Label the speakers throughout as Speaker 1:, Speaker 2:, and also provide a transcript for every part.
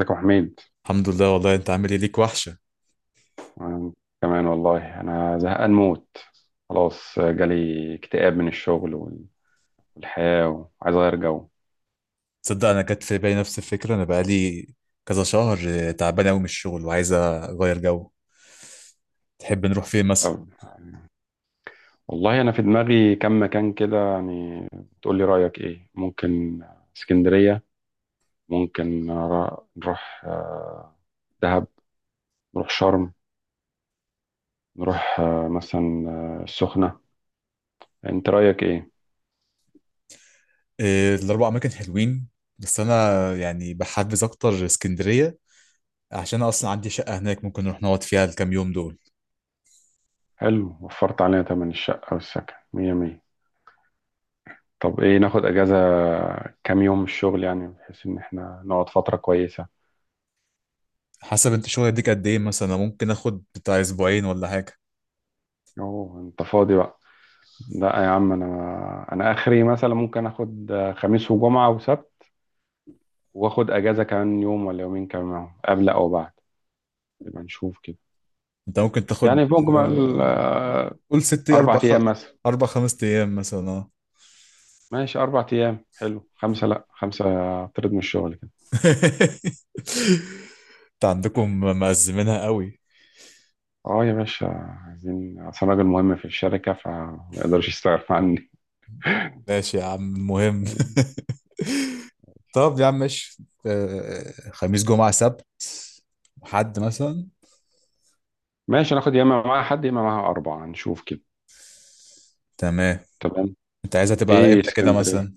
Speaker 1: ازيك يا حميد؟
Speaker 2: الحمد لله. والله انت عامل ايه؟ ليك وحشه.
Speaker 1: أنا كمان، والله انا زهقان موت. خلاص جالي اكتئاب من الشغل والحياة، وعايز اغير جو.
Speaker 2: تصدق انا جت في بالي نفس الفكره، انا بقالي كذا شهر تعبان قوي من الشغل وعايز اغير جو. تحب نروح فين مثلا؟
Speaker 1: طب والله انا في دماغي كم مكان كده، يعني تقول لي رأيك ايه. ممكن اسكندرية، ممكن نروح دهب، نروح شرم، نروح مثلا السخنة. انت رأيك ايه؟
Speaker 2: إيه، الاربع اماكن حلوين، بس انا يعني بحبذ اكتر اسكندريه عشان انا اصلا عندي شقه هناك، ممكن نروح نقعد فيها الكام يوم دول.
Speaker 1: حلو، وفرت علينا تمن الشقة والسكن. مية مية. طب ايه، ناخد اجازة كام يوم من الشغل، يعني بحيث ان احنا نقعد فترة كويسة.
Speaker 2: حسب انت شغل يديك قد ايه، مثلا انا ممكن اخد بتاع اسبوعين ولا حاجه.
Speaker 1: اوه، انت فاضي بقى. لا يا عم، انا اخري مثلا ممكن اخد خميس وجمعة وسبت، واخد اجازة كمان يوم ولا يومين كمان معاهم، قبل او بعد. يبقى نشوف كده.
Speaker 2: انت ممكن تاخد
Speaker 1: يعني في مجمل
Speaker 2: آه، قول ست،
Speaker 1: اربع ايام مثلا.
Speaker 2: اربع خمس ايام مثلا، اه.
Speaker 1: ماشي اربع ايام حلو، خمسة لا، خمسة اطرد من الشغل كده.
Speaker 2: انت عندكم مأزمينها قوي.
Speaker 1: اه يا باشا، عايزين. اصل أنا راجل مهم في الشركة فما يقدرش يستغنى
Speaker 2: ماشي يا عم، المهم.
Speaker 1: عني.
Speaker 2: طب يا عم ماشي، خميس جمعة سبت، حد مثلا؟
Speaker 1: ماشي، ناخد يا اما معاها حد يا اما معاها اربعه، نشوف كده.
Speaker 2: تمام.
Speaker 1: تمام.
Speaker 2: انت عايزها تبقى على
Speaker 1: ايه
Speaker 2: امتى كده
Speaker 1: اسكندريه
Speaker 2: مثلا؟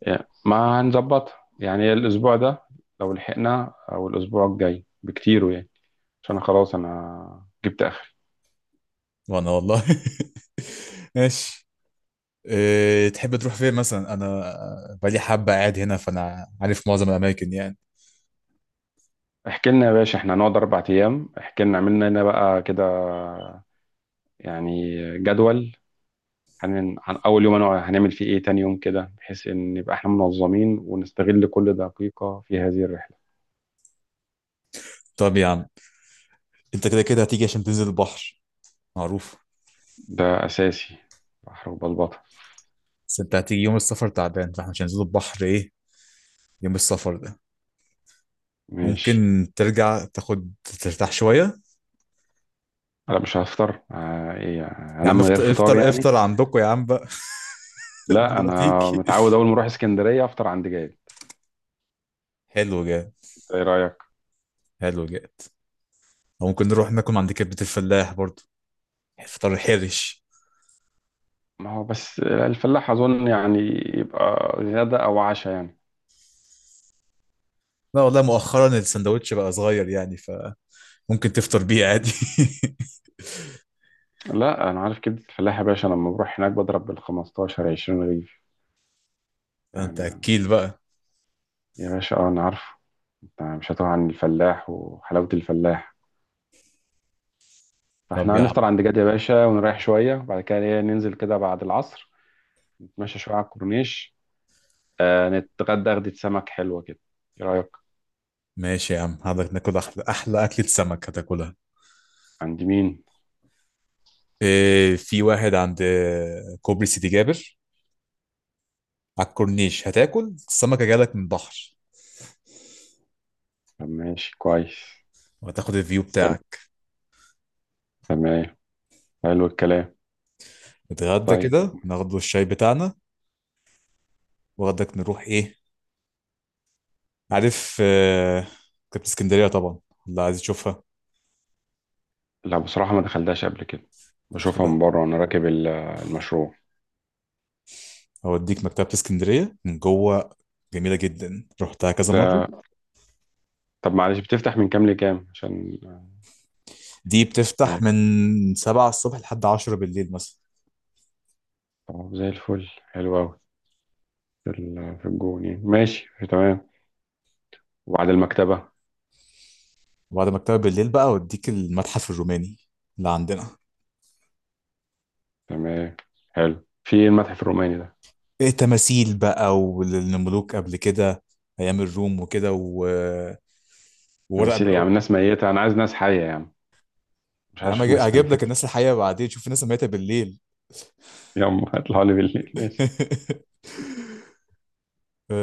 Speaker 1: يعني، ما هنظبطها يعني الاسبوع ده لو لحقنا، او الاسبوع الجاي بكتير يعني، عشان أنا خلاص انا جبت اخري.
Speaker 2: وانا والله. ماشي. إيه تحب تروح فين مثلا؟ انا بقالي حبة قاعد هنا فانا عارف معظم الاماكن يعني.
Speaker 1: احكي لنا يا باشا، احنا هنقعد اربع ايام، احكي لنا، عملنا لنا بقى كده يعني جدول. عن اول يوم هنعمل فيه ايه، تاني يوم كده، بحيث ان نبقى احنا منظمين ونستغل كل دقيقه في هذه الرحله.
Speaker 2: طب يا عم، انت كده كده هتيجي عشان تنزل البحر، معروف.
Speaker 1: ده اساسي، بحر وبلبطه.
Speaker 2: بس انت هتيجي يوم السفر تعبان، فاحنا مش هننزل البحر ايه يوم السفر ده.
Speaker 1: ماشي.
Speaker 2: ممكن ترجع تاخد، ترتاح شوية.
Speaker 1: لا مش هفطر ايه،
Speaker 2: يا
Speaker 1: انام
Speaker 2: عم
Speaker 1: من غير
Speaker 2: افطر،
Speaker 1: فطار
Speaker 2: افطر،
Speaker 1: يعني؟
Speaker 2: افطر عندكم يا عم بقى،
Speaker 1: لا
Speaker 2: قبل ما
Speaker 1: انا
Speaker 2: تيجي.
Speaker 1: متعود اول ما اروح اسكندريه افطر عند جاي.
Speaker 2: حلو جاد،
Speaker 1: ايه رايك؟
Speaker 2: حلو جاد. أو ممكن نروح ناكل من عند كبدة الفلاح برضو، فطار حرش.
Speaker 1: ما هو بس الفلاح اظن يعني يبقى غدا او عشاء يعني.
Speaker 2: لا والله، مؤخرا السندوتش بقى صغير يعني، فممكن تفطر بيه عادي.
Speaker 1: لا انا عارف كبده الفلاح يا باشا، لما بروح هناك بضرب بال 15 20 رغيف
Speaker 2: انت
Speaker 1: يعني.
Speaker 2: اكيل بقى.
Speaker 1: يا باشا اه انا عارف، انت مش هتوه عن الفلاح وحلاوه الفلاح.
Speaker 2: طب
Speaker 1: فاحنا
Speaker 2: يا
Speaker 1: هنفطر
Speaker 2: عم،
Speaker 1: عند جاد يا باشا، ونريح شويه، وبعد كده ننزل كده بعد العصر. نتمشى شويه على الكورنيش، نتغدى غدة سمك حلوه كده. ايه رايك؟
Speaker 2: ماشي يا عم حضرتك، ناكل احلى اكلة سمك هتاكلها.
Speaker 1: عند مين؟
Speaker 2: إيه، في واحد عند كوبري سيدي جابر على الكورنيش، هتاكل السمكة جالك من البحر،
Speaker 1: طب ماشي، كويس.
Speaker 2: وهتاخد الفيو
Speaker 1: حلو.
Speaker 2: بتاعك.
Speaker 1: تمام. حلو الكلام.
Speaker 2: نتغدى
Speaker 1: طيب.
Speaker 2: كده، ناخد الشاي بتاعنا. وغدك نروح ايه؟ عارف، مكتبة اسكندرية طبعا، اللي عايز تشوفها.
Speaker 1: لا بصراحة ما دخلتهاش قبل كده،
Speaker 2: داخل-
Speaker 1: بشوفها من بره وانا راكب المشروع
Speaker 2: أوديك مكتبة اسكندرية من جوه، جميلة جدا، رحتها كذا مرة.
Speaker 1: ده. طب معلش، بتفتح من كام لكام عشان
Speaker 2: دي بتفتح
Speaker 1: آه،
Speaker 2: من سبعة الصبح لحد عشرة بالليل مثلا.
Speaker 1: طب زي الفل، حلو أوي. في في الجون يعني، ماشي تمام. وبعد المكتبة.
Speaker 2: وبعد مكتبة بالليل بقى أوديك المتحف الروماني اللي عندنا.
Speaker 1: تمام، حلو. في إيه المتحف الروماني ده؟
Speaker 2: إيه، تماثيل بقى والملوك قبل كده، أيام الروم وكده وورق
Speaker 1: تماثيل إيه يا
Speaker 2: بقى.
Speaker 1: عم، الناس ميتة، أنا عايز ناس حية يا عم، مش
Speaker 2: يا
Speaker 1: عايز
Speaker 2: عم،
Speaker 1: أشوف ناس
Speaker 2: هجيب لك
Speaker 1: ميتة.
Speaker 2: الناس الحقيقة بعدين، شوف الناس اللي ماتت بالليل.
Speaker 1: يلا اطلعوا لي بالليل، ماشي.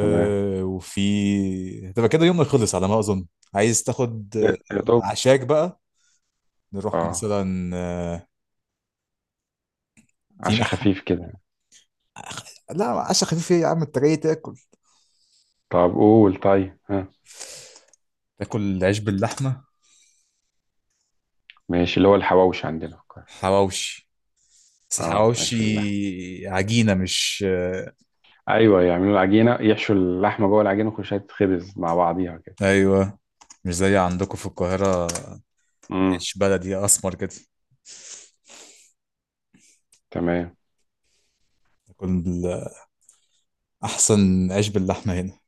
Speaker 1: تمام.
Speaker 2: وفي تبقى كده يومنا خلص على ما اظن. عايز تاخد
Speaker 1: يا دوب.
Speaker 2: عشاك بقى؟ نروح
Speaker 1: اه،
Speaker 2: مثلا، في
Speaker 1: عشاء
Speaker 2: مح
Speaker 1: خفيف كده.
Speaker 2: لا، عشا خفيف ايه يا عم، انت جاي تاكل.
Speaker 1: طب قول. طيب، ها.
Speaker 2: تاكل عيش باللحمه،
Speaker 1: ماشي، اللي هو الحواوش عندنا في القاهرة.
Speaker 2: حواوشي، بس
Speaker 1: اه،
Speaker 2: حواوشي
Speaker 1: عيش باللحمة.
Speaker 2: عجينه مش آه،
Speaker 1: ايوه، يعملوا العجينة، يحشوا اللحمة جوه العجينة وخشها تتخبز مع بعضيها كده.
Speaker 2: ايوه. مش زي عندكم في القاهره،
Speaker 1: امم.
Speaker 2: عيش بلدي اسمر كده.
Speaker 1: تمام.
Speaker 2: تاكل بال- احسن عيش باللحمه هنا،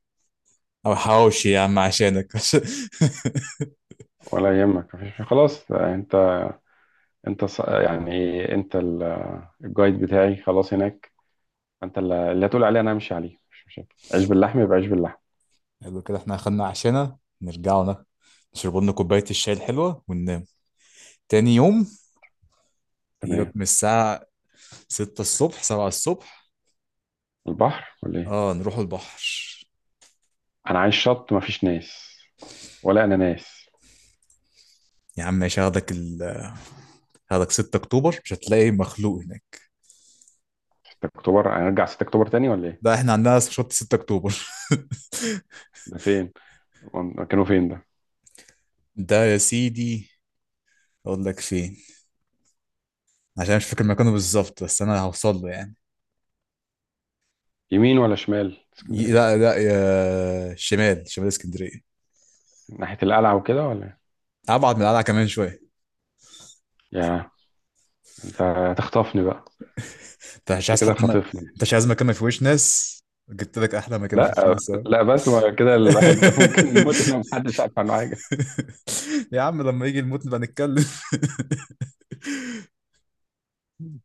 Speaker 2: او حواوشي يا عم عشانك.
Speaker 1: ولا يهمك، مفيش خلاص انت يعني ايه، انت الجايد بتاعي خلاص هناك. انت اللي هتقول عليه انا همشي عليه، مش مشاكل. عيش باللحمة يبقى عيش باللحمة.
Speaker 2: حلو كده، احنا اخدنا عشانا نشرب لنا كوباية الشاي الحلوة وننام. تاني يوم
Speaker 1: تمام.
Speaker 2: نجيبك من الساعة 6 الصبح، 7 الصبح،
Speaker 1: البحر ولا ايه؟
Speaker 2: اه نروح البحر.
Speaker 1: انا عايز شط مفيش ناس، ولا انا ناس.
Speaker 2: يا عم ماشي، هاخدك 6 اكتوبر، مش هتلاقي مخلوق هناك.
Speaker 1: 6 اكتوبر هنرجع 6 اكتوبر تاني ولا ايه؟
Speaker 2: ده احنا عندنا شط 6 اكتوبر.
Speaker 1: ده فين؟ كانوا فين ده؟
Speaker 2: ده يا سيدي، اقول لك فين، عشان مش فاكر مكانه بالظبط بس انا هوصل له يعني.
Speaker 1: يمين ولا شمال اسكندرية؟
Speaker 2: لا لا، يا شمال، شمال اسكندرية،
Speaker 1: ناحية القلعة وكده ولا؟
Speaker 2: ابعد من القلعة كمان شوية.
Speaker 1: يا انت هتخطفني بقى.
Speaker 2: انت مش
Speaker 1: انت
Speaker 2: عايز
Speaker 1: كده
Speaker 2: حد، ما
Speaker 1: خاطفني.
Speaker 2: انت مش عايز مكان ما فيهوش ناس، جبت لك احلى مكان ما فيهوش
Speaker 1: لا
Speaker 2: ناس اهو.
Speaker 1: لا، بس ما كده الواحد ممكن يموت لو محدش عارف عنه حاجه.
Speaker 2: يا عم لما يجي الموت نبقى نتكلم.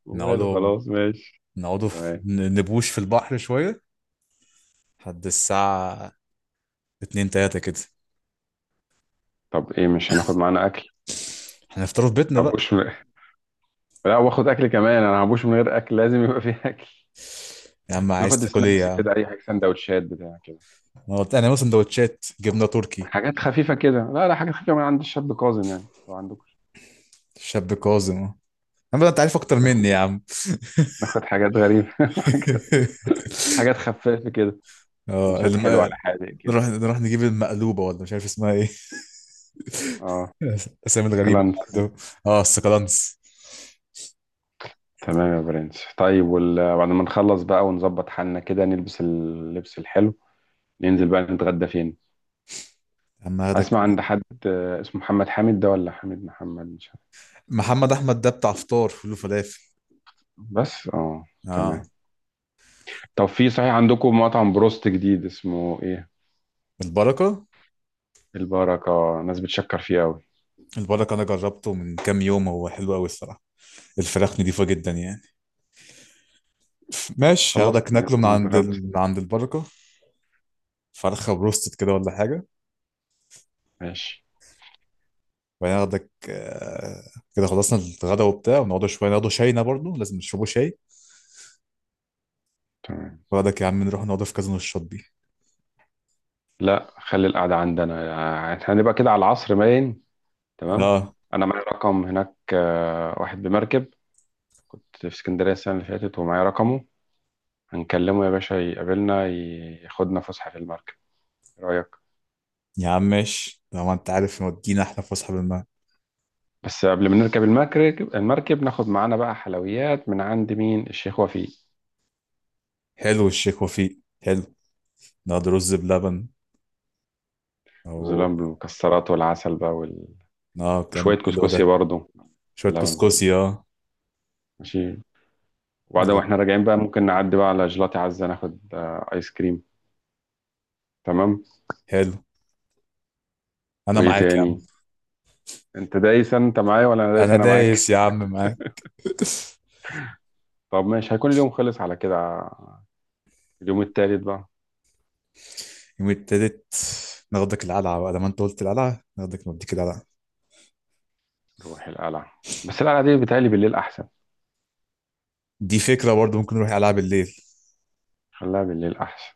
Speaker 1: وماله،
Speaker 2: نقعدوا
Speaker 1: خلاص ماشي.
Speaker 2: نقعدوا
Speaker 1: تمام.
Speaker 2: نبوش في البحر شويه لحد الساعه 2، 3 كده.
Speaker 1: طب ايه، مش هناخد معانا اكل؟
Speaker 2: هنفطروا في بيتنا بقى.
Speaker 1: هبوش من... لا، واخد اكل كمان، انا هبوش من غير اكل؟ لازم يبقى فيه اكل.
Speaker 2: يا عم عايز
Speaker 1: ناخد
Speaker 2: تاكل ايه يا
Speaker 1: سناكس
Speaker 2: عم؟
Speaker 1: كده، اي حاجه سندوتشات بتاع كده.
Speaker 2: انا قلت انا مثلا سندوتشات جبنه تركي.
Speaker 1: حاجات خفيفه كده، لا لا، حاجات خفيفه من عند الشاب كاظم يعني لو عندكم.
Speaker 2: شاب كاظم اهو. يا عم ده انت عارف اكتر
Speaker 1: ناخد
Speaker 2: مني يا عم.
Speaker 1: ناخد حاجات غريبه حاجات حاجات خفيفه كده.
Speaker 2: اه
Speaker 1: سندوتشات حلوه على
Speaker 2: الم...
Speaker 1: حاجه كده.
Speaker 2: نروح نجيب المقلوبه، ولا مش عارف اسمها ايه.
Speaker 1: اه،
Speaker 2: الاسامي الغريبه اللي
Speaker 1: سكلانكس.
Speaker 2: عنده. اه، السكالانس.
Speaker 1: تمام يا برنس. طيب بعد ما نخلص بقى ونظبط حالنا كده، نلبس اللبس الحلو، ننزل بقى، نتغدى فين؟
Speaker 2: عم اخدك،
Speaker 1: اسمع، عند حد اسمه محمد حامد ده ولا حامد محمد، مش عارف.
Speaker 2: محمد احمد ده بتاع فطار فول وفلافل،
Speaker 1: بس اه.
Speaker 2: اه.
Speaker 1: تمام. طب في صحيح عندكم مطعم بروست جديد اسمه ايه؟
Speaker 2: البركه،
Speaker 1: البركة، ناس بتشكر فيه قوي.
Speaker 2: البركه انا جربته من كام يوم، هو حلو قوي الصراحه، الفراخ نضيفه جدا يعني. ماشي،
Speaker 1: خلاص
Speaker 2: هاخدك ناكله من
Speaker 1: نتغدى.
Speaker 2: من عند البركه، فرخه بروستد كده ولا حاجه.
Speaker 1: ماشي.
Speaker 2: وبعدين هاخدك، كده خلصنا الغدا وبتاع، ونقعد شويه، نقعد شاينا برضه، لازم نشربوا شاي.
Speaker 1: تمام.
Speaker 2: واخدك يا عم نروح نقعد في كازينو الشاطبي،
Speaker 1: لا، خلي القعدة عندنا يعني، احنا هنبقى كده على العصر باين. تمام.
Speaker 2: اه.
Speaker 1: انا معايا رقم هناك واحد بمركب. كنت في اسكندرية السنة اللي فاتت ومعايا رقمه. هنكلمه يا باشا يقابلنا، ياخدنا فسحة في المركب. إيه رأيك؟
Speaker 2: يا عم ماشي طبعا، انت عارف مودينا احنا فسحه بالمعنى.
Speaker 1: بس قبل ما نركب المركب، ناخد معانا بقى حلويات من عند مين؟ الشيخ وفيق.
Speaker 2: حلو الشيخ وفيق، حلو، نقعد رز بلبن او
Speaker 1: ظلام بالمكسرات والعسل بقى
Speaker 2: اه، كم
Speaker 1: وشوية
Speaker 2: حلو
Speaker 1: كسكسي
Speaker 2: ده.
Speaker 1: برضو،
Speaker 2: شوية
Speaker 1: اللبن برضو.
Speaker 2: كسكسي، اه،
Speaker 1: ماشي. وبعدين
Speaker 2: ناخد.
Speaker 1: واحنا راجعين بقى، ممكن نعدي بقى على جيلاتي عزة، ناخد آيس كريم. تمام.
Speaker 2: حلو، انا
Speaker 1: وإيه
Speaker 2: معاك يا عم.
Speaker 1: تاني؟ أنت دايس أنت معايا، ولا أنا دايس
Speaker 2: انا
Speaker 1: أنا معاك؟
Speaker 2: دايس يا عم معاك.
Speaker 1: طب ماشي، هيكون اليوم خلص على كده. اليوم التالت بقى.
Speaker 2: يوم التالت، ناخدك القلعة بقى، لما انت قلت القلعة ناخدك، نوديك القلعة.
Speaker 1: نروح القلعة، بس القلعة دي بتهيألي بالليل أحسن.
Speaker 2: دي فكرة برضه، ممكن نروح القلعة بالليل.
Speaker 1: خليها بالليل أحسن.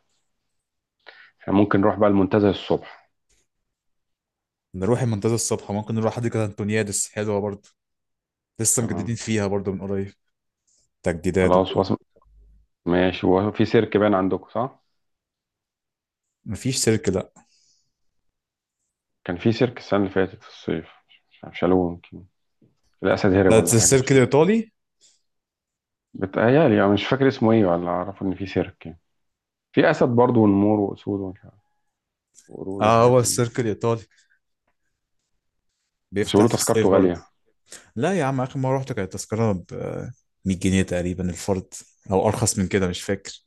Speaker 1: إحنا ممكن نروح بقى المنتزه الصبح.
Speaker 2: نروح المنتزه الصبح، ممكن نروح حديقة أنتونيادس، حلوة برضه، لسه مجددين
Speaker 1: تمام،
Speaker 2: فيها برضه من قريب، تجديدات
Speaker 1: خلاص
Speaker 2: وكده.
Speaker 1: وصل. ماشي، هو في سيرك باين عندكم صح؟
Speaker 2: مفيش سيرك، لا.
Speaker 1: كان في سيرك السنة اللي فاتت في الصيف، مش عارف شالوه، يمكن الأسد هرب
Speaker 2: ده
Speaker 1: ولا حاجة
Speaker 2: السيرك
Speaker 1: مش عارف.
Speaker 2: الإيطالي.
Speaker 1: بتهيألي أنا مش فاكر اسمه إيه، ولا أعرف إن في سيرك يعني. في أسد برضه ونمور وأسود ومش عارف، وقرود
Speaker 2: اه،
Speaker 1: وحاجات
Speaker 2: هو
Speaker 1: من دي.
Speaker 2: السيرك الإيطالي
Speaker 1: بس
Speaker 2: بيفتح
Speaker 1: بيقولوا
Speaker 2: في الصيف
Speaker 1: تذكرته
Speaker 2: برضه.
Speaker 1: غالية.
Speaker 2: لا يا عم، آخر مرة رحت كانت التذكرة ب 100 جنيه تقريبا الفرد، أو أرخص من كده مش فاكر.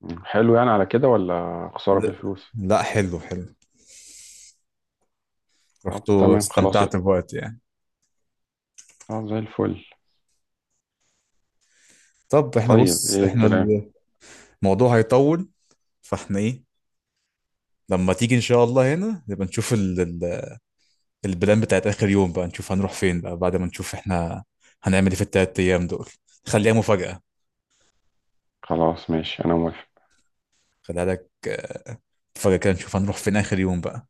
Speaker 1: مم. حلو يعني على كده ولا خسارة في
Speaker 2: لا،
Speaker 1: الفلوس؟
Speaker 2: لا، حلو حلو،
Speaker 1: طب
Speaker 2: رحت
Speaker 1: تمام، خلاص يبقى.
Speaker 2: واستمتعت بوقت يعني.
Speaker 1: طب زي الفل.
Speaker 2: طب احنا
Speaker 1: طيب
Speaker 2: بص،
Speaker 1: إيه
Speaker 2: احنا
Speaker 1: الكلام؟
Speaker 2: الموضوع هيطول، فاحنا ايه لما تيجي ان شاء الله هنا نبقى نشوف البلان بتاعت آخر يوم بقى، نشوف هنروح فين بقى بعد ما نشوف احنا هنعمل ايه في التلات أيام دول. خليها مفاجأة،
Speaker 1: خلاص ماشي، أنا موافق.
Speaker 2: خليها لك مفاجأة كده، نشوف هنروح فين آخر يوم بقى.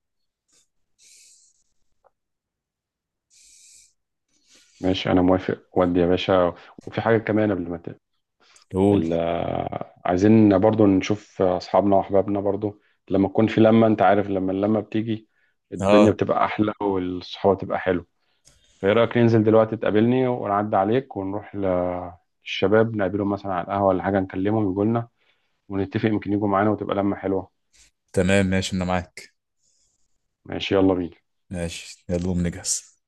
Speaker 1: ماشي، أنا موافق ودي يا باشا. وفي حاجة كمان قبل ما
Speaker 2: قول،
Speaker 1: ال- عايزين برضو نشوف أصحابنا وأحبابنا برضو. لما تكون في لمة، أنت عارف لما اللمة بتيجي الدنيا
Speaker 2: اه،
Speaker 1: بتبقى أحلى، والصحوة تبقى حلو. فإيه رأيك ننزل دلوقتي، تقابلني ونعدي عليك ونروح للشباب نقابلهم مثلا على القهوة، ولا حاجة نكلمهم يجوا لنا، ونتفق يمكن يجوا معانا وتبقى لمة حلوة.
Speaker 2: تمام ماشي أنا معاك.
Speaker 1: ماشي، يلا بينا.
Speaker 2: ماشي، يلا قوم نجهز.